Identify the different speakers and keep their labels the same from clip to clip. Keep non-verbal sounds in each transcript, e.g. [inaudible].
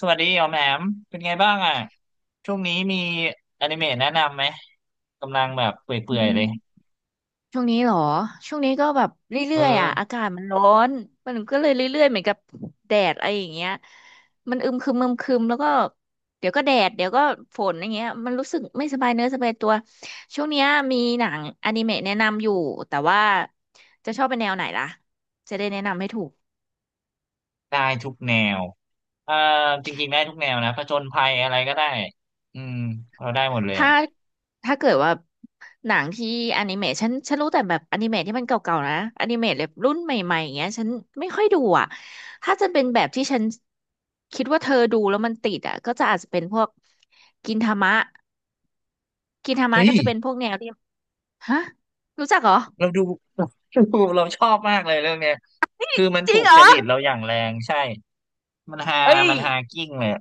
Speaker 1: สวัสดีอ๋อมแหมมเป็นไงบ้างอ่ะช่วงนี้มีอนิเมะแนะนำไหมกำลังแบบเป
Speaker 2: อื
Speaker 1: ื่อยๆเลย
Speaker 2: มช่วงนี้เหรอช่วงนี้ก็แบบ
Speaker 1: เอ
Speaker 2: เรื่อยๆอ่ะอา
Speaker 1: อ
Speaker 2: กาศมันร้อนมันก็เลยเรื่อยๆเหมือนกับแดดอะไรอย่างเงี้ยมันอึมครึมอึมครึมแล้วก็เดี๋ยวก็แดดเดี๋ยวก็ฝนอย่างเงี้ยมันรู้สึกไม่สบายเนื้อสบายตัวช่วงเนี้ยมีหนังอนิเมะแนะนำอยู่แต่ว่าจะชอบเป็นแนวไหนล่ะจะได้แนะนำให้ถูก
Speaker 1: ได้ทุกแนวเอ่อจริงๆได้ทุกแนวนะผจญภัยอะไรก็ได้อืมเราได้หมดเลย
Speaker 2: ถ้า
Speaker 1: อะ
Speaker 2: ถ้าเกิดว่าหนังที่อนิเมะฉันรู้แต่แบบอนิเมะที่มันเก่าๆนะอนิเมะแบบรุ่นใหม่ๆอย่างเงี้ยฉันไม่ค่อยดูอ่ะถ้าจะเป็นแบบที่ฉันคิดว่าเธอดูแล้วมันติดอ่ะก็จะอาจจะเป็นพวกกินทามะกินทามะ
Speaker 1: เฮ้ย
Speaker 2: ก็จะเป็นพวกแนวที่ฮะรู้จักเหรอ
Speaker 1: เราดู [laughs] ดูเราชอบมากเลยเรื่องเนี้ยคือมัน
Speaker 2: จ
Speaker 1: ถู
Speaker 2: ริง
Speaker 1: ก
Speaker 2: เหร
Speaker 1: จ
Speaker 2: อ
Speaker 1: ริตเราอย่างแรงใช่มันฮา
Speaker 2: เอ้ย
Speaker 1: มันฮากิ้งเลยอะ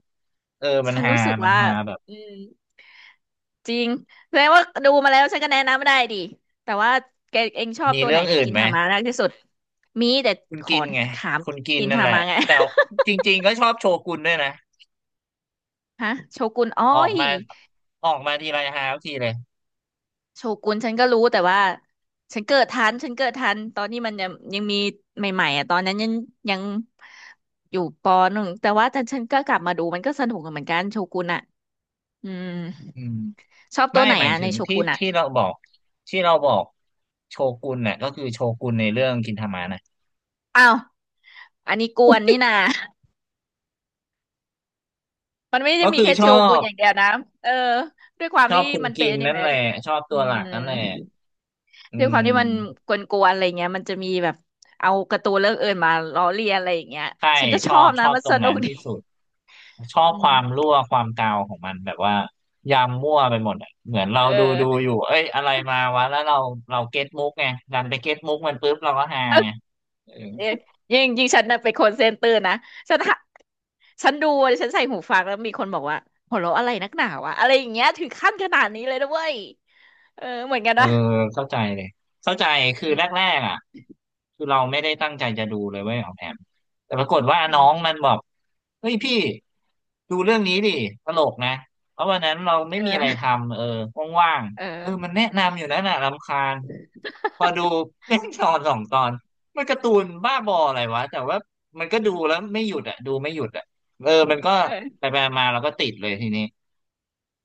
Speaker 1: เออมัน
Speaker 2: ฉัน
Speaker 1: ฮา
Speaker 2: รู้สึก
Speaker 1: มัน
Speaker 2: ว่า
Speaker 1: ฮาแบบ
Speaker 2: อืม จริงแสดงว่าดูมาแล้วฉันก็แนะนำได้ดิแต่ว่าแกเองชอบ
Speaker 1: มี
Speaker 2: ตัวไห
Speaker 1: เรื่
Speaker 2: น
Speaker 1: อง
Speaker 2: ใน
Speaker 1: อื่น
Speaker 2: กิน
Speaker 1: ไหม
Speaker 2: ทามะมากที่สุดมีแต่
Speaker 1: คุณ
Speaker 2: ขอ
Speaker 1: กินไง
Speaker 2: ถาม
Speaker 1: คุณกิน
Speaker 2: กิน
Speaker 1: นั่น
Speaker 2: ทา
Speaker 1: แหละ
Speaker 2: มะไง
Speaker 1: แต่จริงๆก็ชอบโชกุนด้วยนะ
Speaker 2: [laughs] ฮะโชกุนอ้อ
Speaker 1: ออก
Speaker 2: ย
Speaker 1: มาออกมาทีไรฮาทุกทีเลย
Speaker 2: โชกุนฉันก็รู้แต่ว่าฉันเกิดทันฉันเกิดทันตอนนี้มันยังมีใหม่ๆอ่ะตอนนั้นยังอยู่ปหนึ่งแต่ฉันก็กลับมาดูมันก็สนุกเหมือนกันโชกุนอ่ะอืม
Speaker 1: อืม
Speaker 2: ชอบตั
Speaker 1: ไม่
Speaker 2: วไหน
Speaker 1: หมาย
Speaker 2: อ่ะ
Speaker 1: ถึ
Speaker 2: ใน
Speaker 1: ง
Speaker 2: โช
Speaker 1: ที่
Speaker 2: กุนอ่ะ
Speaker 1: ที่เราบอกที่เราบอกโชกุนน่ะก็คือโชกุนในเรื่องกินทามะน่ะ
Speaker 2: อ้าวอันนี้กวนนี่นา มันไม่ได้
Speaker 1: ก็
Speaker 2: มี
Speaker 1: คือ
Speaker 2: แค่
Speaker 1: ช
Speaker 2: โช
Speaker 1: อ
Speaker 2: กุน
Speaker 1: บ
Speaker 2: อย่างเดียวนะเออด้วยความ
Speaker 1: ชอบ
Speaker 2: ที่
Speaker 1: คุณ
Speaker 2: มัน
Speaker 1: กิ
Speaker 2: เป็น
Speaker 1: น
Speaker 2: อนิ
Speaker 1: นั่น
Speaker 2: เมะ
Speaker 1: แหละชอบตั
Speaker 2: อื
Speaker 1: วหลักนั่นแหละ
Speaker 2: ม
Speaker 1: อื
Speaker 2: ด้วยความที่มัน
Speaker 1: ม
Speaker 2: กวนๆอะไรเงี้ยมันจะมีแบบเอาการ์ตูนเรื่องอื่นมาล้อเลียนอะไรอย่างเงี้ย
Speaker 1: ใช่
Speaker 2: ฉันก็
Speaker 1: ช
Speaker 2: ช
Speaker 1: อ
Speaker 2: อ
Speaker 1: บ
Speaker 2: บ
Speaker 1: ช
Speaker 2: นะ
Speaker 1: อบ
Speaker 2: มัน
Speaker 1: ตร
Speaker 2: ส
Speaker 1: ง
Speaker 2: นุ
Speaker 1: นั้น
Speaker 2: กดี
Speaker 1: ที่สุดชอบ
Speaker 2: อื
Speaker 1: ควา
Speaker 2: ม
Speaker 1: มรั่วความกาวของมันแบบว่ายำมั่วไปหมดอะเหมือนเรา
Speaker 2: เอ
Speaker 1: ดูดู
Speaker 2: อ
Speaker 1: อยู่เอ้ยอะไรมาวะแล้วเราเราเก็ตมุกไงดันไปเก็ตมุกมันปุ๊บเราก็ฮาไง
Speaker 2: เอ๊ะยิ่งฉันน่ะเป็นคนเซนเตอร์นะฉันหาฉันดูฉันใส่หูฟังแล้วมีคนบอกว่าหัวเราะอะไรนักหนาวะอะไรอย่างเงี้ยถึงขั้นขนาดนี้เลยนะเว้ยเออเหมือนกัน
Speaker 1: เออ
Speaker 2: นะ
Speaker 1: เข้าใจเลยเข้าใจคือ
Speaker 2: อื
Speaker 1: แร
Speaker 2: ม
Speaker 1: กๆอ่ะคือเราไม่ได้ตั้งใจจะดูเลยเว้ยของแอมแต่ปรากฏว่าน้
Speaker 2: อื
Speaker 1: อ
Speaker 2: ม
Speaker 1: งมันบอกเฮ้ยพี่ดูเรื่องนี้ดิตลกนะเพราะวันนั้นเราไม่มีอะไร
Speaker 2: เออ
Speaker 1: ทำเออว่าง
Speaker 2: เอ
Speaker 1: ๆเออมัน
Speaker 2: อ
Speaker 1: แนะนำอยู่นั่นน่ะรำคาญพอดู [laughs] เป็นตอนสองตอนมันการ์ตูนบ้าบออะไรวะแต่ว่ามันก็ดูแล้วไม่หยุดอ่ะดูไม่หยุดอ่ะเออมันก็
Speaker 2: เออ
Speaker 1: ไปๆมาๆเราก็ติดเลยทีนี้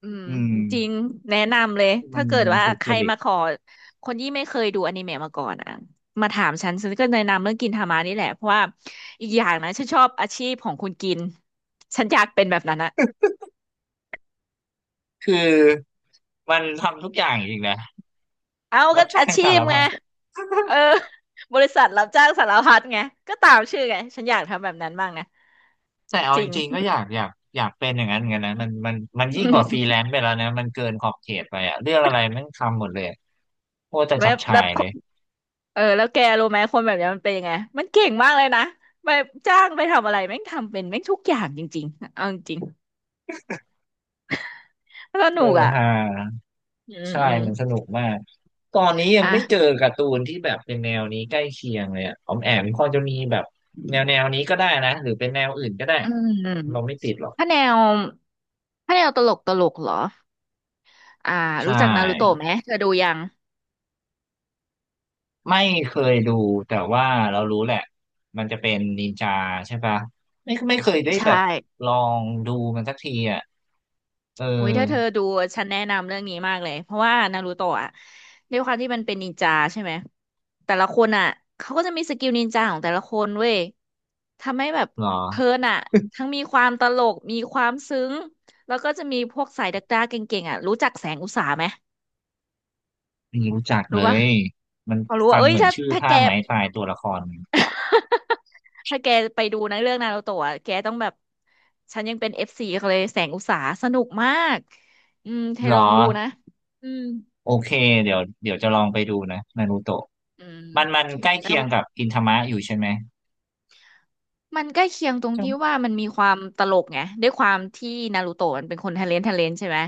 Speaker 2: อืม
Speaker 1: อืม
Speaker 2: จริงแนะนำเลย
Speaker 1: มั
Speaker 2: ถ้า
Speaker 1: น
Speaker 2: เกิดว่า
Speaker 1: ถูก
Speaker 2: ใค
Speaker 1: จ
Speaker 2: ร
Speaker 1: ริต
Speaker 2: มาขอคนที่ไม่เคยดูอนิเมะมาก่อนอ่ะมาถามฉันฉันก็แนะนำเรื่องกินทามานี่แหละเพราะว่าอีกอย่างนะฉันชอบอาชีพของคุณกินฉันอยากเป็นแบบนั้นอะ
Speaker 1: คือมันทำทุกอย่างอีกนะ
Speaker 2: เอา
Speaker 1: รั
Speaker 2: ก็
Speaker 1: บจ้าง
Speaker 2: อาชี
Speaker 1: สา
Speaker 2: พ
Speaker 1: ร
Speaker 2: ไง
Speaker 1: พัด
Speaker 2: เออบริษัทรับจ้างสารพัดไงก็ตามชื่อไงฉันอยากทำแบบนั้นบ้างนะ
Speaker 1: แต่เอา
Speaker 2: จ
Speaker 1: จ
Speaker 2: ริง
Speaker 1: ริงๆก็อยากอยากอยากเป็นอย่างนั้นเหมือนกันนะมันยิ่งกว่าฟรีแลนซ์ไปแล้วนะมันเกินขอบเขตไปอะเรื่องอะไรมันทำหมดเลยอะโคตรจะ
Speaker 2: [laughs]
Speaker 1: จั
Speaker 2: แล้
Speaker 1: บ
Speaker 2: ว
Speaker 1: ฉ่า
Speaker 2: แล้ว
Speaker 1: ยเลย
Speaker 2: เออแล้วแกรู้ไหมคนแบบนี้มันเป็นยังไงมันเก่งมากเลยนะไปจ้างไปทำอะไรแม่งทำเป็นแม่งทุกอย่างจริงๆเอาจริง ส
Speaker 1: เอ
Speaker 2: นุ
Speaker 1: อ
Speaker 2: กอ่ะ
Speaker 1: ฮา
Speaker 2: อืม
Speaker 1: ใช่
Speaker 2: อืม
Speaker 1: มันสนุกมากตอนนี้ยังไม่เจอ
Speaker 2: อ่ะ
Speaker 1: การ์ตูนที่แบบเป็นแนวนี้ใกล้เคียงเลยอะออมแอมพอจะมีแบบแนวนี้ก็ได้นะหรือเป็นแนวอื่นก็ได้
Speaker 2: อืม
Speaker 1: เราไม่ติดหรอก
Speaker 2: ถ้าแนวถ้าแนวตลกตลกเหรอ อ่า
Speaker 1: ใช่
Speaker 2: รู้จักนารูโตะไหมเธอดูยัง
Speaker 1: ไม่เคยดูแต่ว่าเรารู้แหละมันจะเป็นนินจาใช่ปะไม่ไม่เคยได้แบ
Speaker 2: ใช่
Speaker 1: บลองดูมันสักทีอ่ะเออ
Speaker 2: อุ้ยถ้าเธอดูฉันแนะนำเรื่องนี้มากเลยเพราะว่านารูโตะอ่ะด้วยความที่มันเป็นนินจาใช่ไหมแต่ละคนอ่ะเขาก็จะมีสกิลนินจาของแต่ละคนเว้ยทำให้แบบ
Speaker 1: เหรอ
Speaker 2: เพลินอ่ะทั้งมีความตลกมีความซึ้งแล้วก็จะมีพวกสายดักดาเก่งๆอ่ะรู้จักแสงอุตสาไหม
Speaker 1: ไม่รู้จัก
Speaker 2: รู้
Speaker 1: เล
Speaker 2: ปะ
Speaker 1: ยมัน
Speaker 2: เขารู้ว่า
Speaker 1: ฟัง
Speaker 2: เอ้ย
Speaker 1: เหมือน
Speaker 2: ถ้า
Speaker 1: ชื่อ
Speaker 2: ถ้า
Speaker 1: ท่า
Speaker 2: แก
Speaker 1: ไม้ตายตัวละคร
Speaker 2: ถ้าแกไปดูนะเรื่องนารูโตะอะแกต้องแบบฉันยังเป็นเอฟซีเขาเลยแสงอุตสาสนุกมากอืมเธอ
Speaker 1: เหรอ
Speaker 2: ลองดูนะอืม
Speaker 1: โอเคเดี๋ยวเดี๋ยวจะลองไปดูนะนารูโตะ
Speaker 2: อืม
Speaker 1: มันใกล้
Speaker 2: แล้
Speaker 1: เคี
Speaker 2: ว
Speaker 1: ยงกับอินทามะอยู่ใช่ไหม
Speaker 2: มันใกล้เคียงตรงที่
Speaker 1: จ้่
Speaker 2: ว่ามันมีความตลกไงด้วยความที่นารูโตะมันเป็นคนทะเลนใช่ไหม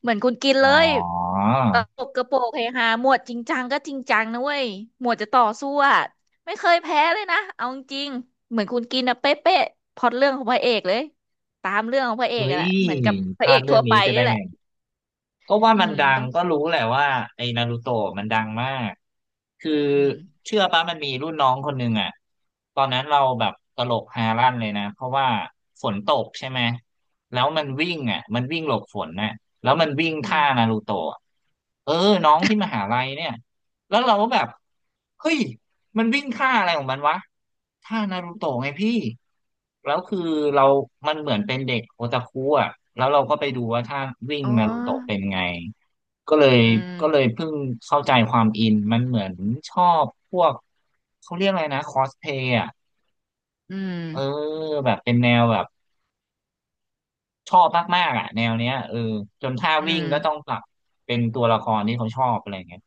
Speaker 2: เหมือนคุณกินเล
Speaker 1: อ๋
Speaker 2: ย
Speaker 1: อ
Speaker 2: ตลกกระโปงเฮฮาหมวดจริงจังก็จริงจังนะเว้ยหมวดจะต่อสู้อะไม่เคยแพ้เลยนะเอาจริงๆเหมือนคุณกินอะเป๊ะเป๊ะพล็อตเรื่องของพระเอกเลยตามเรื่องของพระเอก
Speaker 1: เฮ้
Speaker 2: อะ
Speaker 1: ย
Speaker 2: แหละเหมือนกับพ
Speaker 1: พ
Speaker 2: ระเอ
Speaker 1: ลาด
Speaker 2: ก
Speaker 1: เรื่
Speaker 2: ทั่
Speaker 1: อง
Speaker 2: วไป
Speaker 1: นี้ไป
Speaker 2: นี่
Speaker 1: ได้
Speaker 2: แห
Speaker 1: ไง
Speaker 2: ละ
Speaker 1: ก็ว่า
Speaker 2: อื
Speaker 1: มัน
Speaker 2: ม
Speaker 1: ดัง
Speaker 2: ต้อง
Speaker 1: ก็รู้แหละว่าไอ้นารูโตะมันดังมากคือ
Speaker 2: อืม
Speaker 1: เชื่อปะมันมีรุ่นน้องคนหนึ่งอ่ะตอนนั้นเราแบบตลกฮาลั่นเลยนะเพราะว่าฝนตกใช่ไหมแล้วมันวิ่งอ่ะมันวิ่งหลบฝนน่ะแล้วมันวิ่ง
Speaker 2: อืม
Speaker 1: ท่านารูโตะเออน้องที่มหาลัยเนี่ยแล้วเราก็แบบเฮ้ย มันวิ่งท่าอะไรของมันวะท่านารูโตะไงพี่แล้วคือเรามันเหมือนเป็นเด็กโอตาคุอ่ะแล้วเราก็ไปดูว่าถ้าวิ่ง
Speaker 2: อ๋อ
Speaker 1: นารูโตะเป็นไงก็เลย
Speaker 2: อืม
Speaker 1: ก็เลยเพิ่งเข้าใจความอินมันเหมือนชอบพวกเขาเรียกอะไรนะคอสเพย์อ่ะ
Speaker 2: อื
Speaker 1: เออ
Speaker 2: ม
Speaker 1: แบบเป็นแนวแบบชอบมากๆอ่ะแนวเนี้ยเออจนท่า
Speaker 2: อื
Speaker 1: วิ่ง
Speaker 2: ม
Speaker 1: ก็ต้องปรับเป็นตัวละครที่เขาชอบอะไรเงี้ย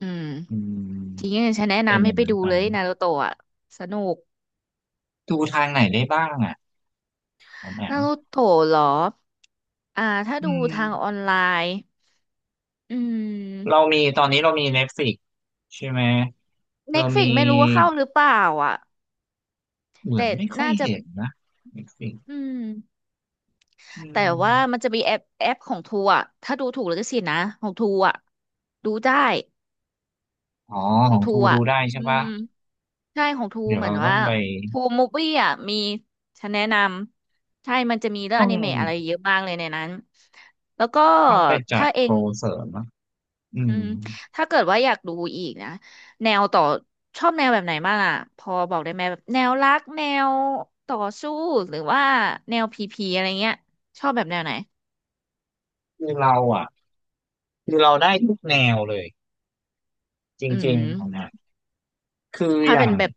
Speaker 2: อืม
Speaker 1: อื
Speaker 2: จริ
Speaker 1: ม
Speaker 2: งๆฉันแนะ
Speaker 1: เป็น
Speaker 2: นำ
Speaker 1: อ
Speaker 2: ให้
Speaker 1: ย่าง
Speaker 2: ไป
Speaker 1: นั้น
Speaker 2: ดู
Speaker 1: ไป
Speaker 2: เลยนารูโตะอะสนุก
Speaker 1: ดูทางไหนได้บ้างอ่ะผมแอ
Speaker 2: นา
Speaker 1: ม
Speaker 2: รูโตะเหรออ่าถ้า
Speaker 1: อื
Speaker 2: ดู
Speaker 1: ม
Speaker 2: ทางออนไลน์อื
Speaker 1: เรา
Speaker 2: ม
Speaker 1: มีตอนนี้เรามี Netflix ใช่ไหม
Speaker 2: เน็
Speaker 1: เรา
Speaker 2: ตฟิ
Speaker 1: มี
Speaker 2: กไม่รู้ว่าเข้าหรือเปล่าอ่ะ
Speaker 1: เหมือน
Speaker 2: แต่
Speaker 1: ไม่ค่อย
Speaker 2: น่าจะ
Speaker 1: เห็นนะ Netflix
Speaker 2: อืม
Speaker 1: อื
Speaker 2: แต่ว่ามั
Speaker 1: ม
Speaker 2: นจะมีแอปของทูอ่ะถ้าดูถูกแลวก็สิทธิ์นะของทูอ่ะดูได้
Speaker 1: อ๋อ
Speaker 2: ขอ
Speaker 1: ข
Speaker 2: ง
Speaker 1: อง
Speaker 2: ทู
Speaker 1: ทูดู
Speaker 2: อ่ะ
Speaker 1: ได้
Speaker 2: อื
Speaker 1: ใช่ปะ
Speaker 2: มใช่ของทู
Speaker 1: เดี๋ยว
Speaker 2: เหมือ
Speaker 1: เรา
Speaker 2: น
Speaker 1: ต้อ
Speaker 2: ว่า
Speaker 1: งไป
Speaker 2: ทูมูฟวี่อ่ะมีฉันแนะนำใช่มันจะมีเรื่อง
Speaker 1: ต้
Speaker 2: อ
Speaker 1: อง
Speaker 2: นิเมะอะไรเยอะมากเลยในนั้นแล้วก็
Speaker 1: ไปจั
Speaker 2: ถ้า
Speaker 1: ด
Speaker 2: เอ
Speaker 1: โป
Speaker 2: ง
Speaker 1: รเสริมนะอื
Speaker 2: อื
Speaker 1: ม
Speaker 2: มถ้าเกิดว่าอยากดูอีกนะแนวต่อชอบแนวแบบไหนบ้างอ่ะพอบอกได้ไหมแบบแนวรักแนวต่อสู้หรือว่าแนวพีพีอะไรเงี้ยชอบแบบแนวไหน
Speaker 1: คือเราอ่ะคือเราได้ทุกแนวเลยจ
Speaker 2: อื
Speaker 1: ริงๆของ
Speaker 2: ม
Speaker 1: นะคือ
Speaker 2: ถ้า
Speaker 1: อย่า
Speaker 2: เป็น
Speaker 1: ง
Speaker 2: แบบ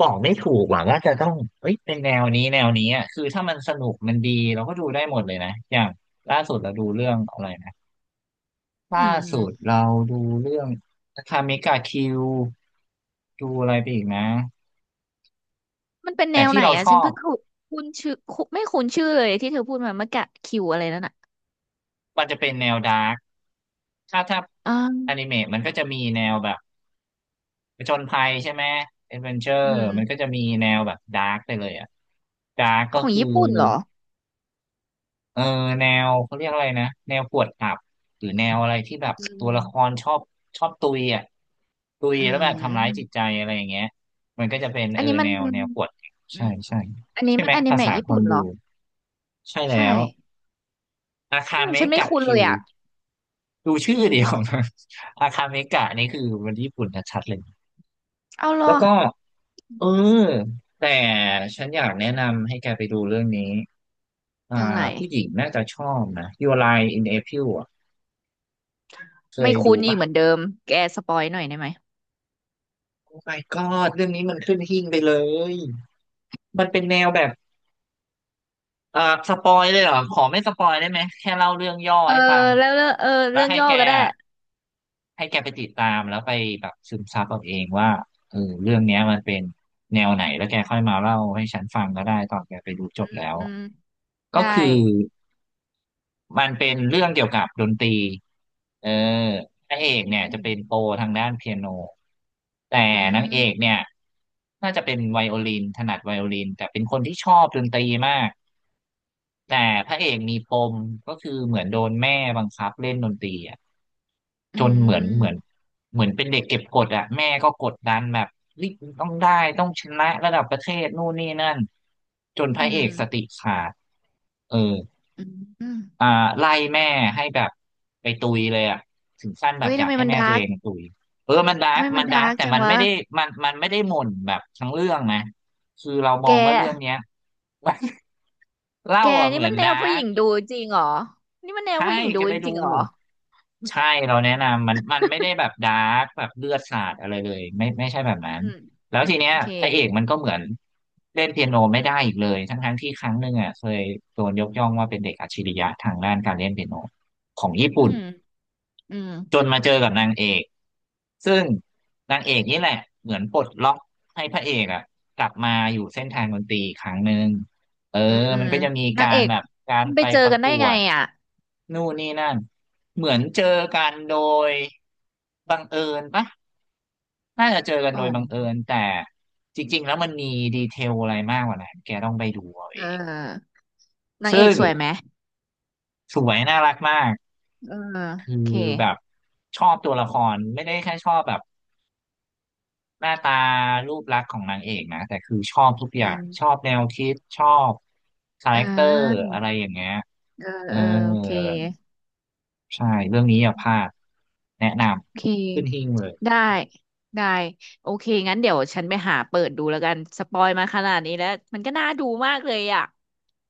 Speaker 1: บอกไม่ถูกว่าจะต้องเอ้ยเป็นแนวนี้แนวนี้อ่ะคือถ้ามันสนุกมันดีเราก็ดูได้หมดเลยนะอย่างล่าสุดเราดูเรื่องอะไร
Speaker 2: อื
Speaker 1: ล่าสุด
Speaker 2: ม
Speaker 1: เราดูเรื่องคาเมกาคิวดูอะไรไปอีกนะ
Speaker 2: มันเป็นแน
Speaker 1: แต่
Speaker 2: ว
Speaker 1: ที่
Speaker 2: ไหน
Speaker 1: เรา
Speaker 2: อ่ะ
Speaker 1: ช
Speaker 2: ฉัน
Speaker 1: อบ
Speaker 2: เพิ่งคุคุ้นชื่อคุไม่คุ้นชื่อเลยที่เธอพูดมาเมื่อกี้คิวอะไรนั่นอ่ะ
Speaker 1: มันจะเป็นแนวดาร์กถ้า
Speaker 2: อ่
Speaker 1: อนิ
Speaker 2: า
Speaker 1: เมะมันก็จะมีแนวแบบผจญภัยใช่ไหมเอดเวนเจอ
Speaker 2: อื
Speaker 1: ร์
Speaker 2: ม
Speaker 1: มันก็จะมีแนวแบบดาร์กไปเลยอะดาร์กก็
Speaker 2: ของ
Speaker 1: คือ
Speaker 2: ญี่ปุ่นเหรอ
Speaker 1: เออแนวเขาเรียกอะไรนะแนวกวดขับหรือแนวอะไรที่แบบ
Speaker 2: อื
Speaker 1: ตัวละคร
Speaker 2: ม
Speaker 1: ชอบชอบตุยอ่ะตุย
Speaker 2: อื
Speaker 1: แล้วแบบทำร้ายจิต
Speaker 2: ม
Speaker 1: ใจอะไรอย่างเงี้ยมันก็จะเป็น
Speaker 2: อั
Speaker 1: เอ
Speaker 2: น
Speaker 1: อ
Speaker 2: นี้มั
Speaker 1: แน
Speaker 2: น
Speaker 1: วกวดขับ
Speaker 2: อื
Speaker 1: ใช่
Speaker 2: ม
Speaker 1: ใช่
Speaker 2: อันนี้
Speaker 1: ใช่
Speaker 2: มั
Speaker 1: ไห
Speaker 2: น
Speaker 1: ม
Speaker 2: อนิ
Speaker 1: ภาษา
Speaker 2: เมะญี่
Speaker 1: ค
Speaker 2: ปุ่
Speaker 1: น
Speaker 2: นเห
Speaker 1: ดู
Speaker 2: รอ
Speaker 1: ใช่แล้
Speaker 2: ใช่
Speaker 1: วอาคา
Speaker 2: อืม
Speaker 1: เม
Speaker 2: ฉันไม่
Speaker 1: กะ
Speaker 2: คุ้นเล
Speaker 1: คิ
Speaker 2: ย
Speaker 1: ว
Speaker 2: อ่ะ
Speaker 1: ดูชื่อ
Speaker 2: อืม
Speaker 1: เดียวนะอาคาเมกะนี่คือมันญี่ปุ่นชัดๆเลย
Speaker 2: เอาเหรอ
Speaker 1: แล้วก็
Speaker 2: อื
Speaker 1: เออ
Speaker 2: ม
Speaker 1: แต่ฉันอยากแนะนำให้แกไปดูเรื่องนี้อ่า
Speaker 2: ยังไง
Speaker 1: ผู้หญิงน่าจะชอบนะ Your Lie in April อ่ะเค
Speaker 2: ไม่
Speaker 1: ย
Speaker 2: คุ้
Speaker 1: ดู
Speaker 2: นอีก
Speaker 1: ปะ
Speaker 2: เหมือนเดิมแกสปอยหน่อยได้ไหม
Speaker 1: โอ้ my god เรื่องนี้มันขึ้นหิ้งไปเลยมันเป็นแนวแบบเอ่าสปอยเลยเหรอขอไม่สปอยได้ไหมแค่เล่าเรื่องย่อ
Speaker 2: เออ
Speaker 1: ให้ฟัง
Speaker 2: แล้วเรื่องเออ
Speaker 1: แล้
Speaker 2: เรื่
Speaker 1: ว
Speaker 2: อง
Speaker 1: ให้
Speaker 2: ย่อ
Speaker 1: แก
Speaker 2: ก็ได้
Speaker 1: อะให้แกไปติดตามแล้วไปแบบซึมซับเอาเองว่าเออเรื่องเนี้ยมันเป็นแนวไหนแล้วแกค่อยมาเล่าให้ฉันฟังก็ได้ตอนแกไปดูจบแล้ว
Speaker 2: อืม
Speaker 1: ก็
Speaker 2: ได้
Speaker 1: คือ มันเป็นเรื่องเกี่ยวกับดนตรีเออพระเอกเนี่ย
Speaker 2: อื
Speaker 1: จะ
Speaker 2: ม
Speaker 1: เป็นโปรทางด้านเปียโนแต่
Speaker 2: อื
Speaker 1: นางเอกเนี่
Speaker 2: ม
Speaker 1: ยน่าจะเป็นไวโอลินถนัดไวโอลินแต่เป็นคนที่ชอบดนตรีมาก แต่พระเอกมีปมก็คือเหมือนโดนแม่บังคับเล่นดนตรีอ่ะ
Speaker 2: อื
Speaker 1: จนเหมือน
Speaker 2: ม
Speaker 1: เหมือนเป็นเด็กเก็บกดอ่ะแม่ก็กดดันแบบรีบต้องได้ต้องชนะระดับประเทศนู่นนี่นั่นจนพ
Speaker 2: อื
Speaker 1: ระเอ
Speaker 2: ม
Speaker 1: กสติขาดเออ
Speaker 2: อืมอืม
Speaker 1: อ่าไล่แม่ให้แบบไปตุยเลยอ่ะถึงขั้นแบ
Speaker 2: เอ้
Speaker 1: บ
Speaker 2: ย
Speaker 1: อ
Speaker 2: ทำ
Speaker 1: ยาก
Speaker 2: ไม
Speaker 1: ให้
Speaker 2: มัน
Speaker 1: แม่
Speaker 2: ดา
Speaker 1: ตัว
Speaker 2: ร์
Speaker 1: เอ
Speaker 2: ก
Speaker 1: งตุยเออมันดา
Speaker 2: ทำ
Speaker 1: ร์ก
Speaker 2: ไมมั
Speaker 1: มั
Speaker 2: น
Speaker 1: นดา
Speaker 2: ดา
Speaker 1: ร์ก
Speaker 2: ร์ก
Speaker 1: แต่
Speaker 2: จัง
Speaker 1: มันไม่
Speaker 2: วะ
Speaker 1: ได้มันไม่ได้หม่นแบบทั้งเรื่องนะคือเราม
Speaker 2: แก
Speaker 1: องว่าเรื่องเนี้ย [laughs] เล่า
Speaker 2: แก
Speaker 1: อ่ะเห
Speaker 2: นี่
Speaker 1: มือ
Speaker 2: มั
Speaker 1: น
Speaker 2: นแน
Speaker 1: ดา
Speaker 2: วผู้
Speaker 1: ร์
Speaker 2: ห
Speaker 1: ก
Speaker 2: ญิงดูจริงเหรอนี่มันแนว
Speaker 1: ใช่
Speaker 2: ผู้หญิง
Speaker 1: แก
Speaker 2: ดู
Speaker 1: ไป
Speaker 2: จ
Speaker 1: ดู
Speaker 2: ริงเหรอ
Speaker 1: ใช่เราแนะนำมันไม่ได้แบบดาร์กแบบเลือดสาดอะไรเลยไม่ใช่แบบนั้น
Speaker 2: อืม
Speaker 1: แล้วทีเนี้
Speaker 2: โอ
Speaker 1: ย
Speaker 2: เค
Speaker 1: พระเอกมันก็เหมือนเล่นเปียโนไม่ได้อีกเลยทั้งที่ครั้งหนึ่งอ่ะเคยโดนยกย่องว่าเป็นเด็กอัจฉริยะทางด้านการเล่นเปียโนของญี่
Speaker 2: อื
Speaker 1: ปุ่น
Speaker 2: มอืม
Speaker 1: จนมาเจอกับนางเอกซึ่งนางเอกนี่แหละเหมือนปลดล็อกให้พระเอกอะกลับมาอยู่เส้นทางดนตรีอีกครั้งหนึ่งเออ
Speaker 2: อืม
Speaker 1: มันก็จะมี
Speaker 2: นาง
Speaker 1: กา
Speaker 2: เอ
Speaker 1: ร
Speaker 2: ก
Speaker 1: แบบการ
Speaker 2: มันไป
Speaker 1: ไป
Speaker 2: เจอ
Speaker 1: ประ
Speaker 2: กัน
Speaker 1: ก
Speaker 2: ได้
Speaker 1: ว
Speaker 2: ไง
Speaker 1: ด
Speaker 2: อ่ะ
Speaker 1: นู่นนี่นั่นเหมือนเจอกันโดยบังเอิญปะน่าจะเจอกัน
Speaker 2: อ๋
Speaker 1: โดยบังเอิญ
Speaker 2: อ
Speaker 1: แต่จริงๆแล้วมันมีดีเทลอะไรมากกว่านั้นแกต้องไปดูเอาเอ
Speaker 2: เอ
Speaker 1: ง
Speaker 2: อนางเอ
Speaker 1: ซึ่
Speaker 2: ก
Speaker 1: ง
Speaker 2: สวยไหม
Speaker 1: สวยน่ารักมาก
Speaker 2: เออ
Speaker 1: คือ
Speaker 2: โอเค
Speaker 1: แบบชอบตัวละครไม่ได้แค่ชอบแบบ หน้าตารูปลักษณ์ของนางเอกนะแต่คือชอบทุกอ
Speaker 2: อื
Speaker 1: ย่างชอ
Speaker 2: ม
Speaker 1: บแนวคิดชอบคาแร
Speaker 2: อ่
Speaker 1: คเตอร์
Speaker 2: า
Speaker 1: อะไรอย่างเงี้ย
Speaker 2: เออ
Speaker 1: เออ
Speaker 2: เออโอเค
Speaker 1: ใช่เรื่องนี้อย่าพลาดแนะน
Speaker 2: โอเค
Speaker 1: ำขึ้นหิ้งเลย
Speaker 2: ได้ได้โอเคงั้นเดี๋ยวฉันไปหาเปิดดูแล้วกันสปอยมาขนาดนี้แล้วมันก็น่าดูมากเลยอ่ะ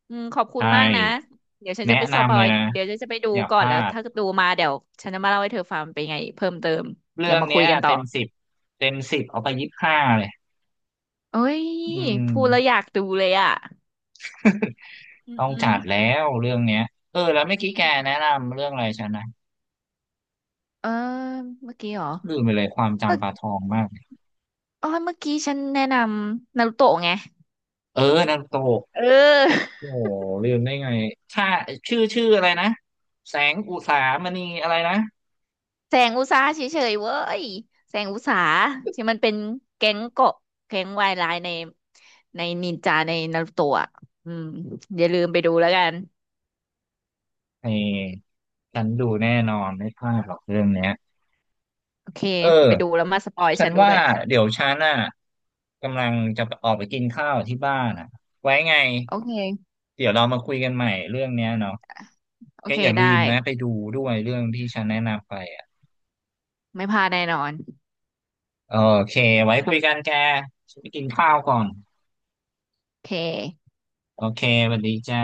Speaker 2: อืมขอบคุณ
Speaker 1: ใช่
Speaker 2: มากนะเดี๋ยวฉัน
Speaker 1: แนะ
Speaker 2: จะไปสป
Speaker 1: นำ
Speaker 2: อ
Speaker 1: เลย
Speaker 2: ย
Speaker 1: นะ
Speaker 2: เดี๋ยวฉันจะไปดู
Speaker 1: อย่าพ
Speaker 2: ก่อน
Speaker 1: ลา
Speaker 2: แล้ว
Speaker 1: ด
Speaker 2: ถ้าดูมาเดี๋ยวฉันจะมาเล่าให้เธอฟังเป็นไงเพิ่มเติม
Speaker 1: เรื่
Speaker 2: เดี๋ย
Speaker 1: อ
Speaker 2: ว
Speaker 1: ง
Speaker 2: มาคุ
Speaker 1: เนี้
Speaker 2: ย
Speaker 1: ย
Speaker 2: กันต่อ
Speaker 1: เต็มสิบเต็มสิบเอาไปยี่สิบห้าเลย
Speaker 2: เอ้ย
Speaker 1: อื
Speaker 2: พูดแล้วอยา
Speaker 1: ม
Speaker 2: กดูเลยอ่ะอืม
Speaker 1: ต้อง
Speaker 2: อื
Speaker 1: จั
Speaker 2: ม
Speaker 1: ดแล้วเรื่องเนี้ยเออแล้วเมื่อกี้แกแนะนำเรื่องอะไรฉันนะ
Speaker 2: เออเมื่อกี้เหรอ
Speaker 1: ลืมไปเลยความ
Speaker 2: เมื่อ
Speaker 1: จำปลาทองมาก
Speaker 2: อ๋อเมื่อกี้ฉันแนะนำนารูโตะไง
Speaker 1: เออนารโต
Speaker 2: เออ
Speaker 1: โอ้โหลืมได้ไงค่าชื่ออะไรนะแสงอุสามณีอะไรนะ
Speaker 2: แสงอุตสาหะเฉยๆเว้ยแสงอุตสาหะที่มันเป็นแก๊งเกาะแก๊งวายร้ายในนินจาในนารูโตะอะอืมอย่าลืมไปดูแล้วกัน
Speaker 1: เออฉันดูแน่นอนไม่พลาดหรอกเรื่องเนี้ย
Speaker 2: โอเค
Speaker 1: เ
Speaker 2: ไปดู
Speaker 1: ออ
Speaker 2: แล้วมาสปอย
Speaker 1: ฉั
Speaker 2: ฉั
Speaker 1: น
Speaker 2: นดู
Speaker 1: ว่า
Speaker 2: ด้วย
Speaker 1: เดี๋ยวฉันน่ะกำลังจะออกไปกินข้าวที่บ้านอ่ะไว้ไง
Speaker 2: โอเค
Speaker 1: เดี๋ยวเรามาคุยกันใหม่เรื่องเนี้ยเนาะ
Speaker 2: โอ
Speaker 1: แก
Speaker 2: เค
Speaker 1: อย่าลื
Speaker 2: ได้
Speaker 1: มนะไปดูด้วยเรื่องที่ฉันแนะนำไปอ่ะ
Speaker 2: ไม่พลาดแน่นอน
Speaker 1: โอเคไว้คุยกันแกฉันไปกินข้าวก่อน
Speaker 2: โอเค
Speaker 1: โอเคสวัสดีจ้า